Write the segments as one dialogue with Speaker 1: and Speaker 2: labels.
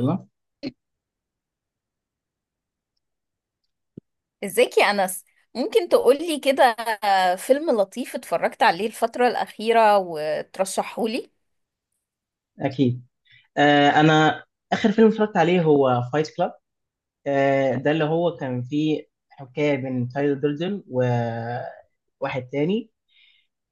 Speaker 1: يلا.
Speaker 2: ازيك يا أنس، ممكن تقولي كده فيلم لطيف اتفرجت عليه الفترة الأخيرة وترشحهولي؟
Speaker 1: اكيد. انا اخر فيلم اتفرجت عليه هو فايت كلاب. ده اللي هو كان فيه حكايه بين تايلر دردن وواحد تاني.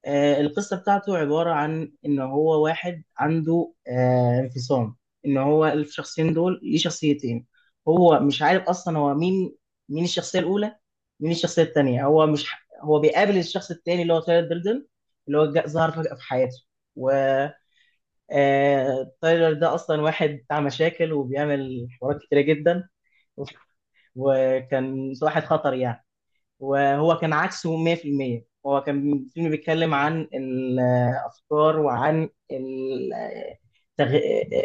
Speaker 1: القصه بتاعته عباره عن ان هو واحد عنده انفصام، ان هو الشخصين دول ليه شخصيتين. هو مش عارف اصلا هو مين، مين الشخصيه الاولى، مين الشخصيه التانيه. هو مش ح- هو بيقابل الشخص التاني اللي هو تايلر دردن، ظهر فجاه في حياته. تايلر ده اصلا واحد بتاع مشاكل وبيعمل حوارات كتيره جدا، وكان واحد خطر يعني. وهو كان عكسه 100%. هو كان الفيلم بيتكلم عن الافكار وعن تغ...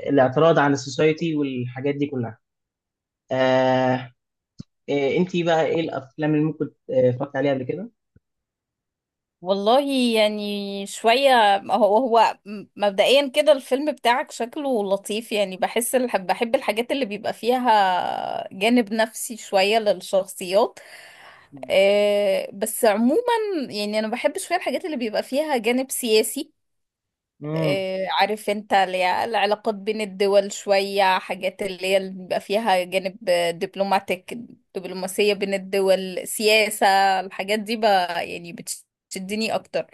Speaker 1: الاعتراض عن السوسايتي والحاجات دي كلها. آه... انتي بقى ايه الافلام اللي ممكن اتفرجت عليها قبل كده؟
Speaker 2: والله، يعني شوية، هو مبدئيا كده الفيلم بتاعك شكله لطيف. يعني بحس بحب الحاجات اللي بيبقى فيها جانب نفسي شوية للشخصيات. بس عموما يعني أنا بحب شوية الحاجات اللي بيبقى فيها جانب سياسي.
Speaker 1: مم.
Speaker 2: إيه، عارف انت، اللي هي العلاقات بين الدول، شوية حاجات اللي هي اللي بيبقى فيها جانب دبلوماتيك، دبلوماسية بين الدول، سياسة. الحاجات دي بقى يعني بتشدني أكتر.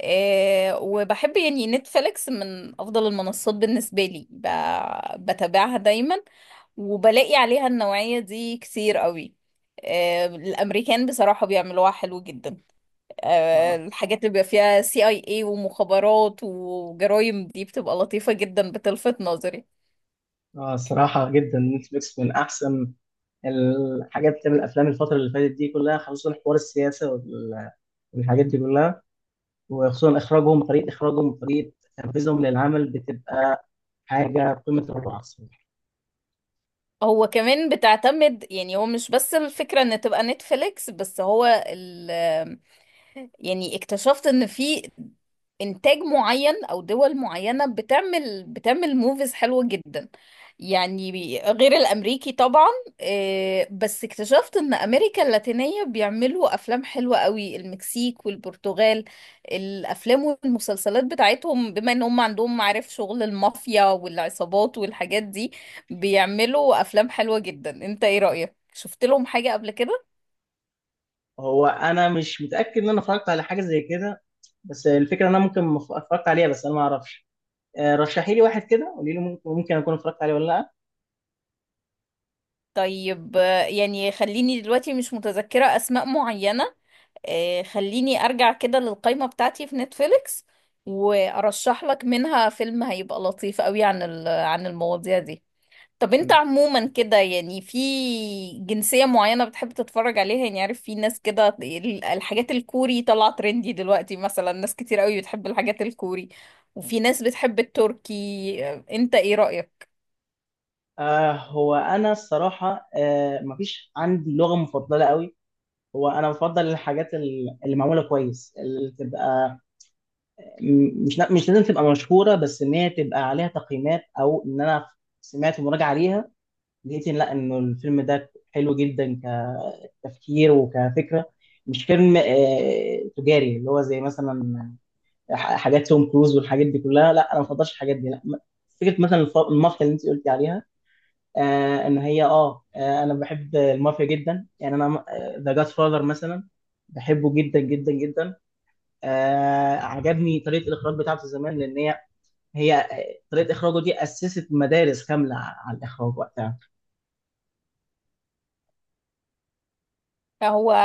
Speaker 2: إيه، وبحب يعني نتفليكس من أفضل المنصات بالنسبة لي، بتابعها دايما وبلاقي عليها النوعية دي كتير قوي. إيه، الأمريكان بصراحة بيعملوها حلو جدا.
Speaker 1: اه.
Speaker 2: الحاجات اللي بيبقى فيها سي اي اي ومخابرات وجرايم دي بتبقى لطيفة جدا، بتلفت نظري.
Speaker 1: اه، صراحة جدا نتفليكس من احسن الحاجات بتعمل الافلام الفتره اللي فاتت دي كلها، خصوصا حوار السياسه والحاجات دي كلها. وخصوصا اخراجهم، طريقه اخراجهم وطريقه تنفيذهم للعمل بتبقى حاجه في قمه الروعه الصراحه.
Speaker 2: هو كمان بتعتمد، يعني هو مش بس الفكرة ان تبقى نتفليكس. بس هو يعني اكتشفت ان في انتاج معين او دول معينة بتعمل موفيز حلوة جدا. يعني غير الامريكي طبعا. بس اكتشفت ان امريكا اللاتينية بيعملوا افلام حلوة قوي، المكسيك والبرتغال. الافلام والمسلسلات بتاعتهم، بما ان هم عندهم معارف شغل المافيا والعصابات والحاجات دي، بيعملوا افلام حلوة جدا. انت ايه رأيك، شفت لهم حاجة قبل كده؟
Speaker 1: هو انا مش متاكد ان انا اتفرجت على حاجه زي كده، بس الفكره ان انا ممكن ما ف- اتفرجت عليها بس انا ما اعرفش. رشحي لي واحد كده، قولي لي ممكن اكون اتفرجت عليه ولا لا.
Speaker 2: طيب يعني خليني دلوقتي مش متذكرة أسماء معينة. خليني أرجع كده للقائمة بتاعتي في نتفليكس وأرشح لك منها فيلم هيبقى لطيف قوي عن عن المواضيع دي. طب أنت عموما كده يعني في جنسية معينة بتحب تتفرج عليها؟ يعني عارف في ناس كده الحاجات الكوري طالعة ترندي دلوقتي، مثلا ناس كتير قوي بتحب الحاجات الكوري وفي ناس بتحب التركي. أنت إيه رأيك؟
Speaker 1: هو انا الصراحه مفيش عندي لغه مفضله قوي. هو انا بفضل الحاجات اللي معموله كويس، اللي تبقى مش لازم تبقى مشهوره، بس ان هي تبقى عليها تقييمات او ان انا سمعت مراجعه عليها، لقيت إن لا انه الفيلم ده حلو جدا كتفكير وكفكره. مش فيلم تجاري اللي هو زي مثلا حاجات توم كروز والحاجات دي كلها. لا انا ما بفضلش الحاجات دي. لا م- فكره مثلا المافيا اللي انت قلتي عليها. آه ان هي اه آه، انا بحب المافيا جدا يعني. انا ذا جاد فاذر مثلا بحبه جدا جدا جدا. عجبني طريقه الاخراج بتاعته زمان، لان هي طريقه اخراجه دي اسست مدارس كامله على الاخراج وقتها.
Speaker 2: هو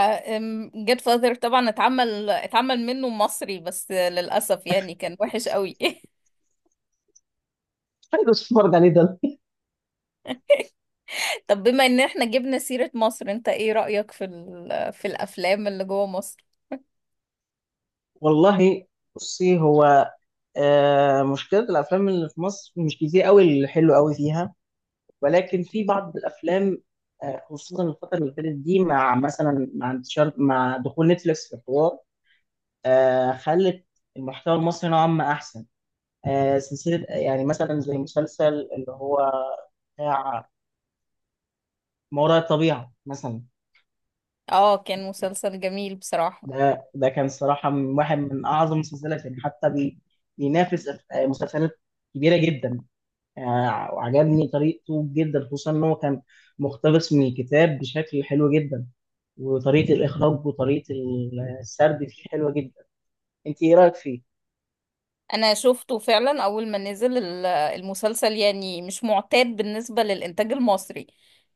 Speaker 2: جيت فاذر طبعا اتعمل منه مصري، بس للأسف يعني كان وحش قوي.
Speaker 1: حلو، اتفرج عليه ده.
Speaker 2: طب بما ان احنا جبنا سيرة مصر، انت ايه رأيك في في الافلام اللي جوه مصر؟
Speaker 1: والله، بصي. هو آه مشكله الافلام اللي في مصر مش كتير قوي اللي حلو قوي فيها، ولكن في بعض الافلام خصوصا الفتره اللي فاتت دي مع مثلا مع انتشار، مع دخول نتفليكس في الحوار، خلت المحتوى المصري نوعا ما احسن. سلسله يعني مثلا زي مسلسل اللي هو بتاع ما وراء الطبيعه مثلا.
Speaker 2: اه، كان مسلسل جميل بصراحة.
Speaker 1: ده كان صراحة من واحد من أعظم المسلسلات يعني، حتى بينافس مسلسلات كبيرة جدا يعني. وعجبني طريقته جدا، خصوصا إن هو كان مقتبس من الكتاب بشكل حلو جدا، وطريقة الإخراج وطريقة السرد فيه حلوة جدا. أنت إيه رأيك فيه؟
Speaker 2: انا شفته فعلا اول ما نزل المسلسل. يعني مش معتاد بالنسبة للانتاج المصري.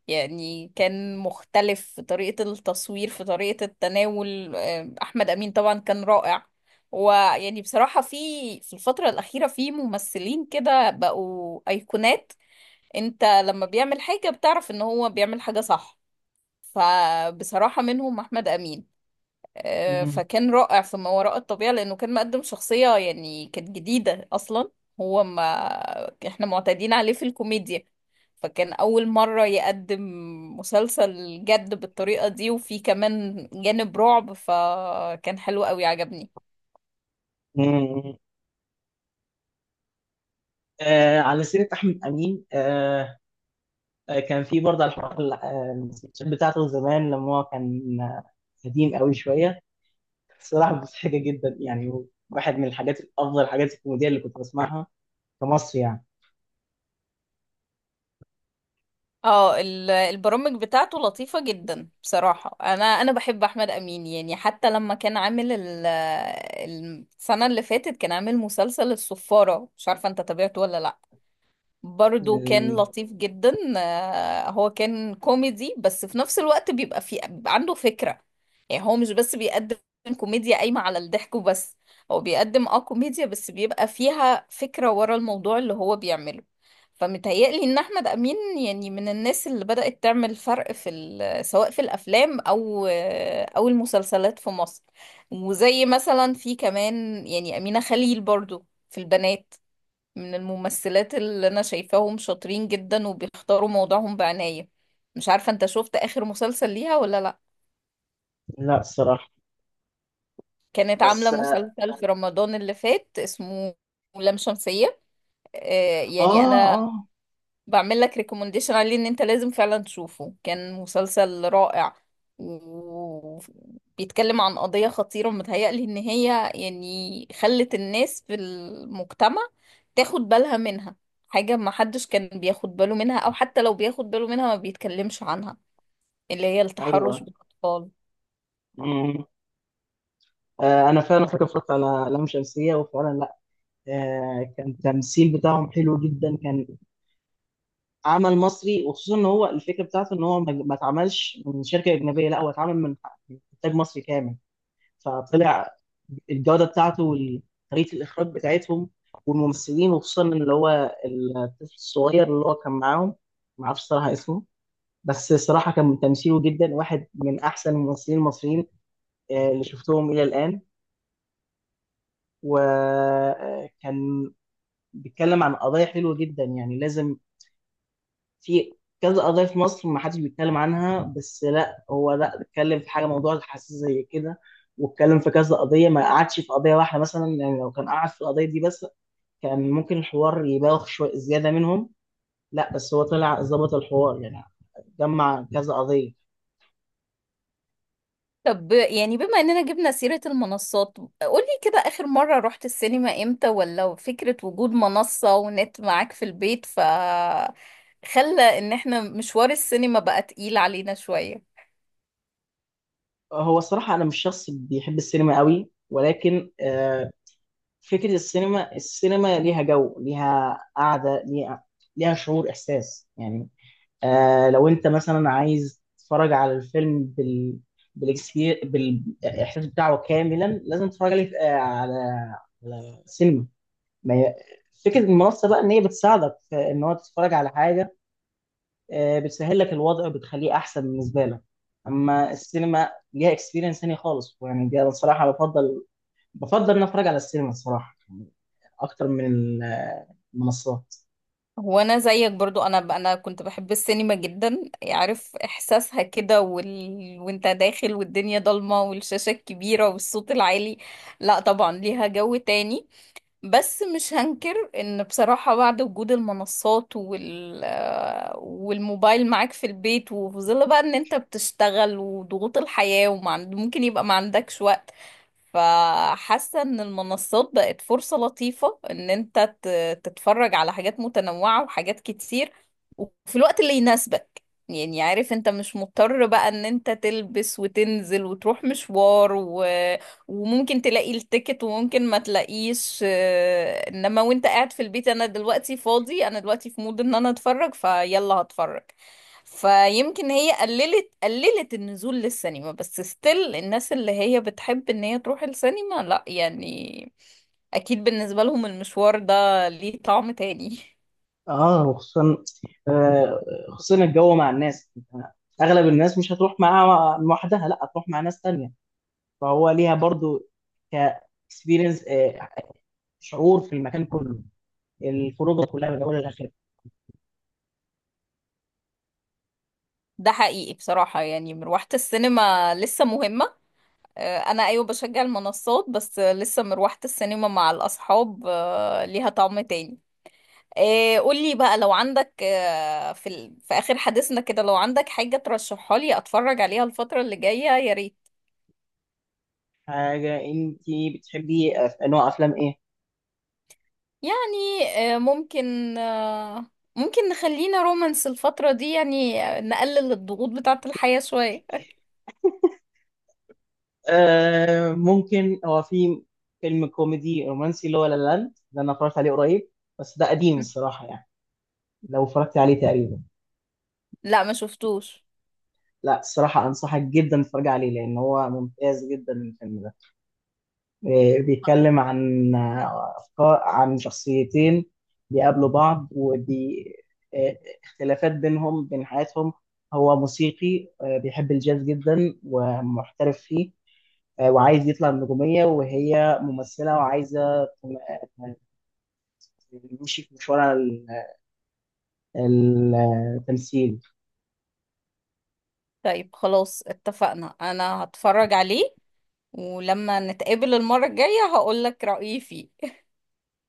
Speaker 2: يعني كان مختلف في طريقة التصوير، في طريقة التناول. احمد امين طبعا كان رائع. ويعني بصراحة في الفترة الأخيرة في ممثلين كده بقوا أيقونات. انت لما بيعمل حاجة بتعرف ان هو بيعمل حاجة صح. فبصراحة منهم احمد امين.
Speaker 1: مم.
Speaker 2: فكان رائع في ما وراء الطبيعة، لأنه كان مقدم شخصية يعني كانت جديدة أصلا. هو ما احنا معتادين عليه في الكوميديا. فكان أول مرة يقدم مسلسل جد بالطريقة دي، وفيه كمان جانب رعب. فكان حلو قوي، عجبني.
Speaker 1: مم. آه، على سيرة أحمد أمين. كان في برضه على الحوار ال- آه، السكتشات بتاعته زمان، لما هو كان قديم قوي شوية. الصراحة مضحكة جدا يعني، واحد من الحاجات الأفضل، الحاجات الكوميدية اللي كنت بسمعها في مصر يعني.
Speaker 2: اه، البرامج بتاعته لطيفة جدا بصراحة. انا بحب احمد امين، يعني حتى لما كان عامل السنة اللي فاتت كان عامل مسلسل الصفارة. مش عارفة انت تابعته ولا لا؟ برضو كان
Speaker 1: أمم،
Speaker 2: لطيف جدا. هو كان كوميدي، بس في نفس الوقت بيبقى عنده فكرة. يعني هو مش بس بيقدم كوميديا قايمة على الضحك وبس، هو بيقدم كوميديا بس بيبقى فيها فكرة ورا الموضوع اللي هو بيعمله. فمتهيألي ان احمد امين يعني من الناس اللي بدأت تعمل فرق في سواء في الافلام او المسلسلات في مصر. وزي مثلا في كمان يعني امينة خليل برضو في البنات، من الممثلات اللي انا شايفاهم شاطرين جدا وبيختاروا موضوعهم بعناية. مش عارفة انت شفت اخر مسلسل ليها ولا لا؟
Speaker 1: لا الصراحة.
Speaker 2: كانت عاملة
Speaker 1: بس
Speaker 2: مسلسل في رمضان اللي فات اسمه لام شمسية. يعني انا
Speaker 1: آه
Speaker 2: بعمل لك ريكومنديشن عليه، ان انت لازم فعلا تشوفه. كان مسلسل رائع وبيتكلم عن قضية خطيرة متهيألي ان هي يعني خلت الناس في المجتمع تاخد بالها منها. حاجة ما حدش كان بياخد باله منها، او حتى لو بياخد باله منها ما بيتكلمش عنها، اللي هي التحرش
Speaker 1: أيوه.
Speaker 2: بالاطفال.
Speaker 1: أمم، آه أنا فعلا فاكر اتفرجت على لام شمسية وفعلا لا. كان التمثيل بتاعهم حلو جدا. كان عمل مصري، وخصوصا إن هو الفكرة بتاعته إن هو ما اتعملش من شركة أجنبية، لا هو اتعمل من من إنتاج مصري كامل، فطلع الجودة بتاعته وطريقة الإخراج بتاعتهم والممثلين، وخصوصا اللي هو الطفل الصغير اللي هو كان معاهم. معرفش صراحة اسمه، بس الصراحة كان تمثيله جدا واحد من أحسن الممثلين المصريين اللي شفتهم إلى الآن. وكان بيتكلم عن قضايا حلوة جدا يعني. لازم، في كذا قضية في مصر ما حدش بيتكلم عنها، بس لا هو لا اتكلم في حاجة، موضوع حساس زي كده، واتكلم في كذا قضية. ما قعدش في قضية واحدة مثلا، يعني لو كان قعد في القضية دي بس كان ممكن الحوار يبالغ شوية زيادة منهم، لا بس هو طلع ظبط الحوار يعني، جمع كذا قضية.
Speaker 2: طب يعني بما اننا جبنا سيرة المنصات، قولي كده اخر مرة رحت السينما امتى، ولا فكرة وجود منصة ونت معاك في البيت ف خلى ان احنا مشوار السينما بقى تقيل علينا شوية؟
Speaker 1: هو الصراحة أنا مش شخص بيحب السينما قوي، ولكن فكرة السينما، السينما ليها جو، ليها قعدة، ليها شعور، إحساس يعني. لو انت مثلا عايز تتفرج على الفيلم بالاحساس بتاعه كاملا، لازم تتفرج عليه على على سينما. ما هي- فكره المنصه بقى ان هي بتساعدك في ان هو تتفرج على حاجه، بتسهل لك الوضع وبتخليه احسن بالنسبه لك. اما السينما ليها اكسبيرينس تاني خالص يعني. دي انا الصراحه بفضل ان أنا اتفرج على السينما الصراحه اكتر من المنصات.
Speaker 2: هو انا زيك برضو، انا كنت بحب السينما جدا. عارف احساسها كده وانت داخل والدنيا ضلمة والشاشة الكبيرة والصوت العالي. لا طبعا ليها جو تاني. بس مش هنكر ان بصراحة بعد وجود المنصات والموبايل معاك في البيت، وفي ظل بقى ان انت بتشتغل وضغوط الحياة وممكن يبقى ما عندكش وقت، فحاسة ان المنصات بقت فرصة لطيفة ان انت تتفرج على حاجات متنوعة وحاجات كتير وفي الوقت اللي يناسبك. يعني عارف انت مش مضطر بقى ان انت تلبس وتنزل وتروح مشوار وممكن تلاقي التيكت وممكن ما تلاقيش. انما وانت قاعد في البيت، انا دلوقتي فاضي، انا دلوقتي في مود ان انا اتفرج، فيلا هتفرج. فيمكن هي قللت النزول للسينما، بس ستيل الناس اللي هي بتحب ان هي تروح السينما، لا يعني اكيد بالنسبة لهم المشوار ده ليه طعم تاني.
Speaker 1: اه، وخصوصا آه، خصوصا الجو مع الناس. أنت اغلب الناس مش هتروح معاها لوحدها، لا هتروح مع ناس تانية، فهو ليها برضو ك اكسبيرينس، شعور في المكان كله، الخروجه كلها من اولها لاخرها.
Speaker 2: ده حقيقي بصراحة، يعني مروحة السينما لسه مهمة. انا ايوه بشجع المنصات، بس لسه مروحة السينما مع الاصحاب ليها طعم تاني. قولي بقى لو عندك في اخر حديثنا كده، لو عندك حاجة ترشحها لي اتفرج عليها الفترة اللي جاية يا ريت.
Speaker 1: حاجه انت بتحبي نوع افلام ايه؟
Speaker 2: يعني آه، ممكن آه، ممكن نخلينا رومانس الفترة دي، يعني نقلل الضغوط بتاعة الحياة شوية.
Speaker 1: آه ممكن هو في فيلم كوميدي رومانسي اللي هو لا لا لاند، ده انا اتفرجت عليه قريب، بس ده قديم الصراحه يعني. لو اتفرجت عليه تقريبا.
Speaker 2: لا ما شفتوش.
Speaker 1: لا الصراحه، انصحك جدا تتفرج عليه لان هو ممتاز جدا الفيلم ده. بيتكلم عن أفكار، عن شخصيتين بيقابلوا بعض، ودي آه، اختلافات بينهم، بين حياتهم. هو موسيقي بيحب الجاز جدا ومحترف فيه، وعايز يطلع النجومية، وهي ممثلة وعايزة تمشي في مشوار ال- التمثيل.
Speaker 2: طيب خلاص اتفقنا انا هتفرج عليه، ولما نتقابل المرة الجاية هقولك رأيي فيه.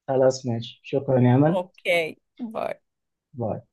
Speaker 1: خلاص ماشي، شكرا يا أمل.
Speaker 2: اوكي باي.
Speaker 1: باي.